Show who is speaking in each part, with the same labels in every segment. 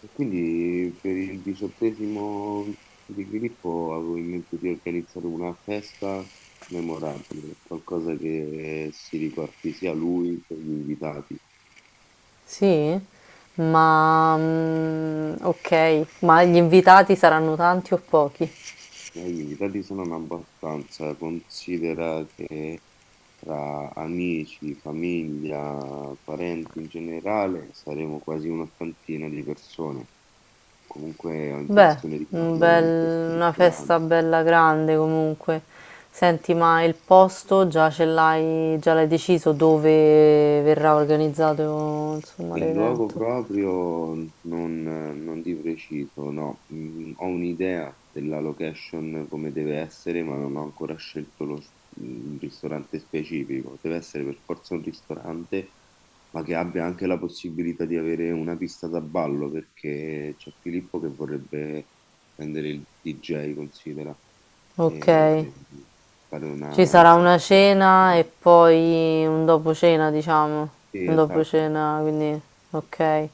Speaker 1: E quindi per il diciottesimo di Filippo avevo in mente di organizzare una festa memorabile, qualcosa che si ricordi sia lui che gli invitati.
Speaker 2: Sì? Ma okay, ma gli invitati saranno tanti o pochi?
Speaker 1: Ma gli invitati sono in abbastanza, considera che tra amici, famiglia, parenti in generale saremo quasi un'ottantina di persone. Comunque ho
Speaker 2: Beh,
Speaker 1: intenzione di
Speaker 2: un
Speaker 1: farlo in questo
Speaker 2: bel una
Speaker 1: ristorante.
Speaker 2: festa bella grande comunque. Senti, ma il posto già l'hai deciso dove verrà organizzato, insomma,
Speaker 1: Il luogo
Speaker 2: l'evento?
Speaker 1: proprio non di preciso, no. Ho un'idea della location come deve essere, ma non ho ancora scelto un ristorante specifico. Deve essere per forza un ristorante, ma che abbia anche la possibilità di avere una pista da ballo, perché c'è Filippo che vorrebbe prendere il DJ, considera,
Speaker 2: Okay.
Speaker 1: e fare
Speaker 2: Ci
Speaker 1: una.
Speaker 2: sarà una cena e poi un dopo cena, diciamo,
Speaker 1: Sì,
Speaker 2: un dopo
Speaker 1: esatto,
Speaker 2: cena, quindi ok.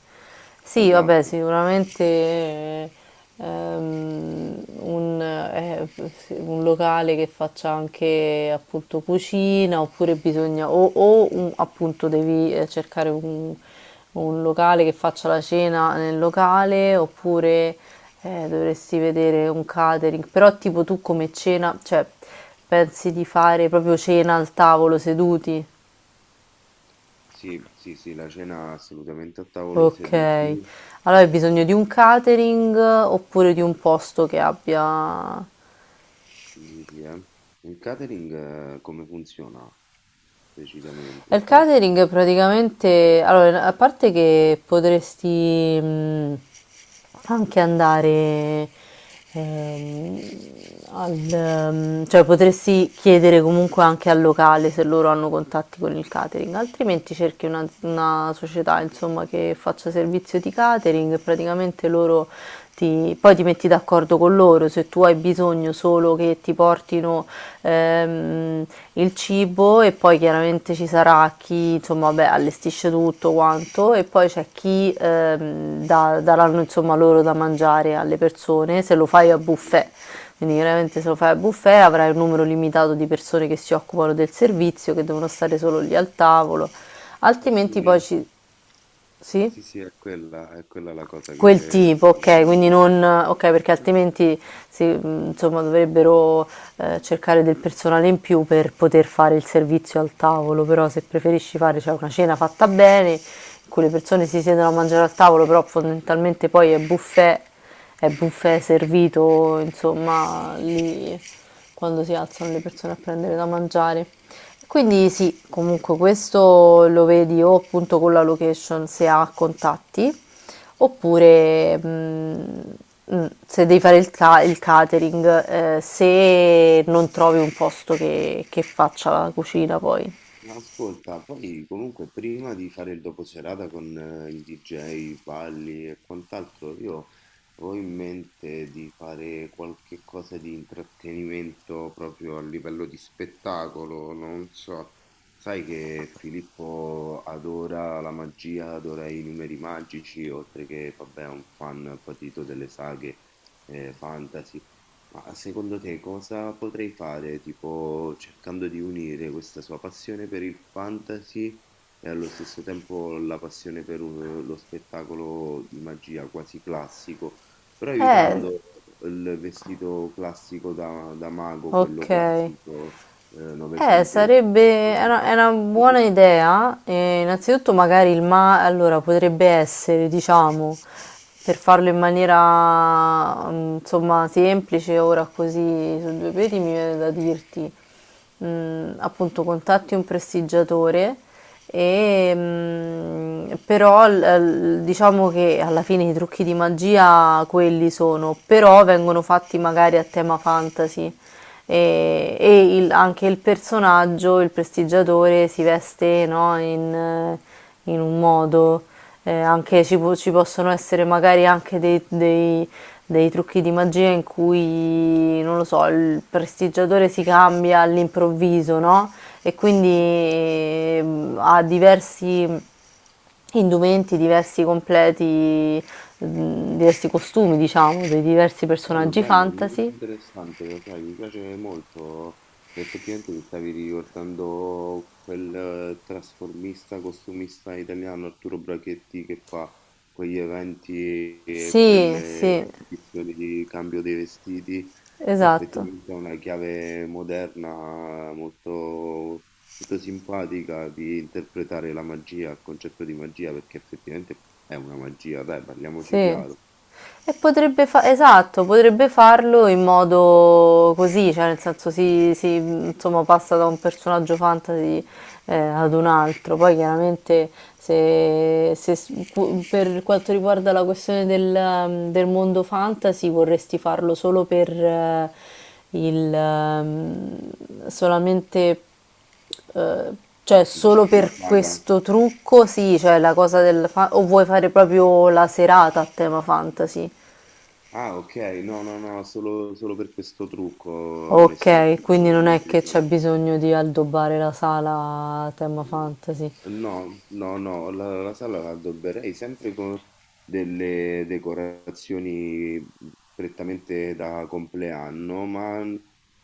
Speaker 2: Sì, vabbè,
Speaker 1: esatto.
Speaker 2: sicuramente ehm, un, eh, sì, un locale che faccia anche appunto cucina, oppure bisogna, o appunto devi cercare un, o un locale che faccia la cena nel locale, oppure dovresti vedere un catering. Però tipo tu come cena, cioè pensi di fare proprio cena al tavolo seduti?
Speaker 1: Sì, sì, sì, la cena assolutamente a tavolo
Speaker 2: Ok.
Speaker 1: seduti.
Speaker 2: Allora hai bisogno
Speaker 1: eh,
Speaker 2: di un catering oppure di un posto che abbia.
Speaker 1: dici, eh. Il catering come funziona
Speaker 2: E
Speaker 1: precisamente?
Speaker 2: il
Speaker 1: Conosci?
Speaker 2: catering praticamente, allora, a parte che potresti anche andare ehm, cioè potresti chiedere comunque anche al locale se loro hanno contatti con il catering, altrimenti cerchi una società, insomma, che faccia servizio di catering. Praticamente loro poi ti metti d'accordo con loro, se tu hai bisogno solo che ti portino ehm, il cibo, e poi chiaramente ci sarà chi, insomma, beh, allestisce tutto quanto, e poi c'è chi daranno, insomma, loro da mangiare alle persone se lo fai a buffet. Quindi chiaramente se lo fai a buffet avrai un numero limitato di persone che si occupano del servizio, che devono stare solo lì al tavolo,
Speaker 1: Eh
Speaker 2: altrimenti
Speaker 1: sì,
Speaker 2: poi
Speaker 1: eh,
Speaker 2: ci... Sì?
Speaker 1: Sì, sì, è quella la cosa
Speaker 2: Quel
Speaker 1: che
Speaker 2: tipo, ok, quindi
Speaker 1: probabilmente-
Speaker 2: non, ok, perché altrimenti insomma, dovrebbero cercare del personale in più per poter fare il servizio al tavolo. Però se preferisci fare, cioè, una cena fatta bene, in cui le persone si siedono a mangiare al tavolo, però fondamentalmente poi è buffet servito, insomma, lì, quando si alzano le persone a prendere da mangiare. Quindi sì, comunque questo lo vedi o appunto con la location se ha contatti. Oppure,
Speaker 1: Ah.
Speaker 2: se devi fare il catering, se non trovi un posto che faccia la cucina poi.
Speaker 1: Ma ascolta, poi comunque prima di fare il doposerata con il DJ, Valli e quant'altro, io avevo in mente di fare qualche cosa di intrattenimento proprio a livello di spettacolo, non so, sai che Filippo adora la magia, adora i numeri magici, oltre che, vabbè, è un fan patito delle saghe fantasy. Ma secondo te cosa potrei fare, tipo cercando di unire questa sua passione per il fantasy e allo stesso tempo la passione per lo spettacolo di magia quasi classico, però
Speaker 2: Eh,
Speaker 1: evitando il vestito classico da mago, quello
Speaker 2: okay.
Speaker 1: classico novecentesco.
Speaker 2: Sarebbe è una buona idea. Eh, innanzitutto magari il ma allora potrebbe essere, diciamo, per farlo in maniera insomma, semplice, ora così su due piedi mi viene da dirti, appunto, contatti un prestigiatore e, però diciamo che alla fine i trucchi di magia quelli sono, però vengono fatti magari a tema fantasy. E, e anche il personaggio, il prestigiatore, si veste, no, in, in un modo. Anche
Speaker 1: Mhm,
Speaker 2: ci possono essere magari anche dei trucchi di magia in cui, non lo so, il prestigiatore si cambia all'improvviso, no? E quindi
Speaker 1: mhm.
Speaker 2: ha diversi indumenti, diversi completi, diversi costumi, diciamo, dei diversi
Speaker 1: Bello,
Speaker 2: personaggi
Speaker 1: bello, è molto
Speaker 2: fantasy.
Speaker 1: interessante, lo sai, mi piace molto. Effettivamente mi stavi ricordando quel trasformista, costumista italiano Arturo Brachetti che fa quegli eventi e
Speaker 2: Sì,
Speaker 1: quelle
Speaker 2: sì.
Speaker 1: edizioni di cambio dei vestiti, che
Speaker 2: Esatto,
Speaker 1: effettivamente è una chiave moderna molto, molto simpatica di interpretare la magia, il concetto di magia, perché effettivamente è una magia, dai,
Speaker 2: sì.
Speaker 1: parliamoci chiaro.
Speaker 2: E esatto, potrebbe farlo in modo così, cioè nel senso, si, insomma, passa da un personaggio fantasy ad un altro. Poi chiaramente se per quanto riguarda la questione del, del mondo fantasy, vorresti farlo solo per il, ehm, solamente. Ehm, cioè
Speaker 1: Dici
Speaker 2: solo
Speaker 1: per la
Speaker 2: per
Speaker 1: saga?
Speaker 2: questo trucco, sì, cioè la cosa o vuoi fare proprio la serata a tema fantasy?
Speaker 1: Ah, ok, no, no, no, solo per questo trucco,
Speaker 2: Ok,
Speaker 1: onestamente,
Speaker 2: quindi
Speaker 1: avevo in
Speaker 2: non è
Speaker 1: mente di
Speaker 2: che
Speaker 1: fare-
Speaker 2: c'è bisogno di addobbare la sala a tema fantasy.
Speaker 1: No, no, no, la sala la addobberei sempre con delle decorazioni prettamente da compleanno, ma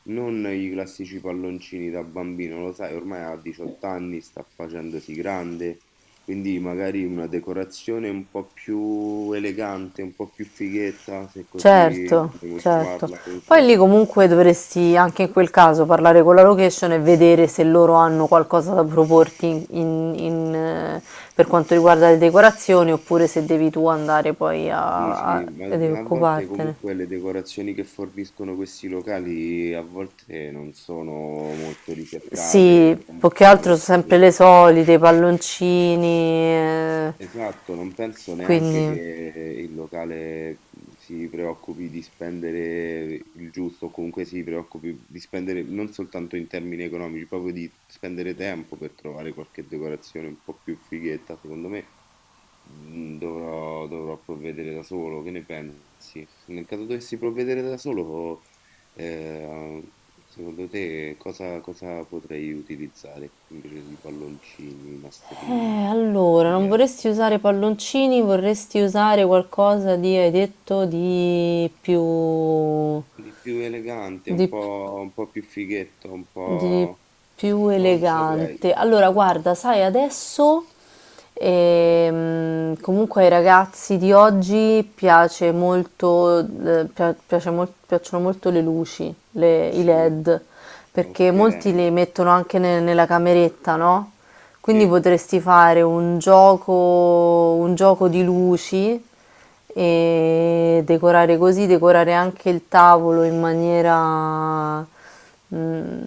Speaker 1: non i classici palloncini da bambino, lo sai, ormai ha 18 anni, sta facendosi grande, quindi magari una decorazione un po' più elegante, un po' più fighetta, se così
Speaker 2: Certo,
Speaker 1: vogliamo
Speaker 2: certo.
Speaker 1: chiamarla,
Speaker 2: Poi
Speaker 1: comunque.
Speaker 2: lì comunque dovresti anche in quel caso parlare con la location e vedere se loro hanno qualcosa da proporti in- in- in, eh, per
Speaker 1: Mh,
Speaker 2: quanto riguarda le decorazioni, oppure se devi tu andare poi a,
Speaker 1: dici,
Speaker 2: ed
Speaker 1: ma a volte
Speaker 2: occupartene.
Speaker 1: comunque le decorazioni che forniscono questi locali a volte non sono molto
Speaker 2: Sì,
Speaker 1: ricercate,
Speaker 2: più
Speaker 1: tendono
Speaker 2: che
Speaker 1: a
Speaker 2: altro sempre
Speaker 1: lasciare.
Speaker 2: le solite, i palloncini,
Speaker 1: Esatto, non penso neanche che
Speaker 2: quindi...
Speaker 1: il locale, si preoccupi di spendere il giusto o comunque si preoccupi di spendere non soltanto in termini economici, proprio di spendere tempo per trovare qualche decorazione un po' più fighetta, secondo me. Dovrò provvedere da solo, che ne pensi? Nel caso dovessi provvedere da solo, eh, secondo te cosa potrei utilizzare invece di palloncini, nastrini,
Speaker 2: Allora, non
Speaker 1: biglietti?
Speaker 2: vorresti usare palloncini, vorresti usare qualcosa di, hai detto, di più...
Speaker 1: Di più elegante,
Speaker 2: di più...
Speaker 1: un po' più fighetto, un
Speaker 2: di
Speaker 1: po'.
Speaker 2: più
Speaker 1: Non saprei.
Speaker 2: elegante. Allora, guarda, sai, adesso comunque ai ragazzi di oggi piace molto, piacciono molto le luci, i
Speaker 1: Sì,
Speaker 2: LED, perché molti
Speaker 1: ok,
Speaker 2: li mettono anche nella cameretta, no? Quindi
Speaker 1: sì.
Speaker 2: potresti fare un gioco di luci, e decorare così, decorare anche il tavolo in maniera mm,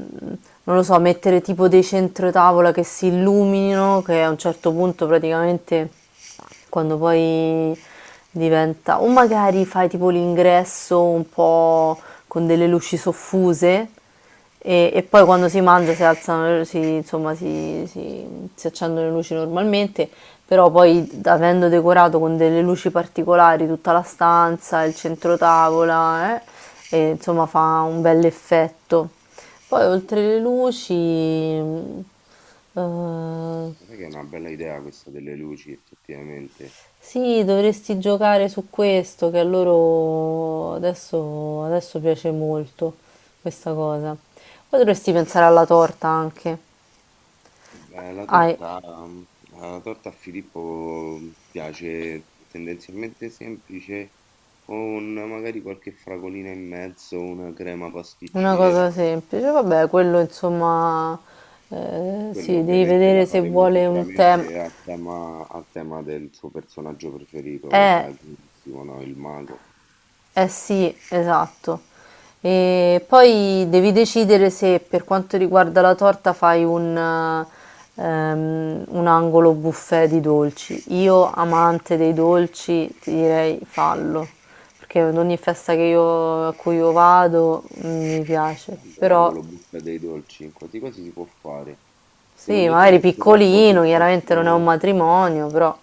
Speaker 2: non lo so, mettere tipo dei centrotavola che si illuminino, che a un certo punto praticamente quando poi diventa... O magari fai tipo l'ingresso un po' con delle luci soffuse,
Speaker 1: Mhm.
Speaker 2: e poi quando si mangia si alzano, si, insomma, si accendono le luci normalmente, però poi avendo decorato con delle luci particolari tutta la stanza, il centro tavola, e, insomma, fa un bel effetto. Poi oltre le luci, eh,
Speaker 1: Guarda che è una bella idea questa delle luci, effettivamente.
Speaker 2: sì, dovresti giocare su questo, che a loro adesso piace molto questa cosa. Poi dovresti pensare alla torta anche.
Speaker 1: Beh,
Speaker 2: Hai
Speaker 1: la torta a Filippo piace tendenzialmente semplice, con magari qualche fragolina in mezzo, una crema
Speaker 2: una
Speaker 1: pasticcera.
Speaker 2: cosa semplice, vabbè, quello insomma,
Speaker 1: Quello
Speaker 2: sì, devi
Speaker 1: ovviamente
Speaker 2: vedere
Speaker 1: la
Speaker 2: se
Speaker 1: faremo
Speaker 2: vuole un tema.
Speaker 1: sicuramente a tema del suo personaggio preferito, lo
Speaker 2: Eh,
Speaker 1: sai benissimo, no? Il mago.
Speaker 2: eh sì, esatto. E poi devi decidere se per quanto riguarda la torta fai un angolo buffet di dolci. Io, amante dei dolci, ti direi fallo, perché ad ogni festa a cui io vado, mi piace,
Speaker 1: Quando
Speaker 2: però...
Speaker 1: l'angolo buca dei dolci, quasi quasi si può fare.
Speaker 2: Sì,
Speaker 1: Secondo te
Speaker 2: magari
Speaker 1: è troppo
Speaker 2: piccolino,
Speaker 1: se
Speaker 2: chiaramente non è un
Speaker 1: faccio.
Speaker 2: matrimonio, però...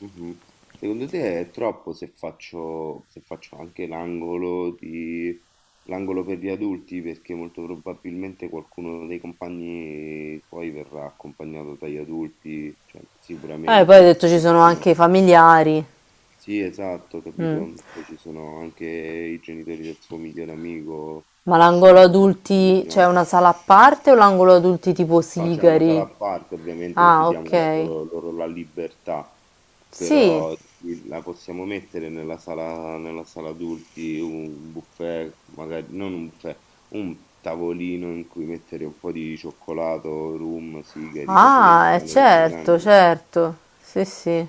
Speaker 1: Mh-mh. Secondo te è troppo se faccio anche l'angolo per gli adulti? Perché molto probabilmente qualcuno dei compagni poi verrà accompagnato dagli adulti, cioè
Speaker 2: Poi hai
Speaker 1: sicuramente ci
Speaker 2: detto ci sono anche i
Speaker 1: sono,
Speaker 2: familiari.
Speaker 1: sì, esatto,
Speaker 2: Mm.
Speaker 1: capito? Poi ci sono anche i genitori del suo migliore amico
Speaker 2: Ma
Speaker 1: che
Speaker 2: l'angolo
Speaker 1: sono veramente
Speaker 2: adulti c'è
Speaker 1: vicinanza.
Speaker 2: una sala a parte o l'angolo adulti tipo
Speaker 1: No, c'è una sala
Speaker 2: sigari?
Speaker 1: a parte ovviamente così
Speaker 2: Ah,
Speaker 1: diamo la
Speaker 2: ok.
Speaker 1: loro loro la libertà.
Speaker 2: Sì.
Speaker 1: Però sì, la possiamo mettere nella sala adulti, un buffet, magari non un buffet, un tavolino in cui mettere un po' di cioccolato, rum, sigari, cose del
Speaker 2: Ah,
Speaker 1: genere da
Speaker 2: certo,
Speaker 1: grandi.
Speaker 2: certo. Sì, sì.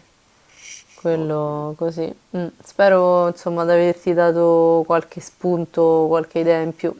Speaker 1: Ottimo.
Speaker 2: Quello così. Mm. Spero, insomma, di averti dato qualche spunto, qualche idea in più.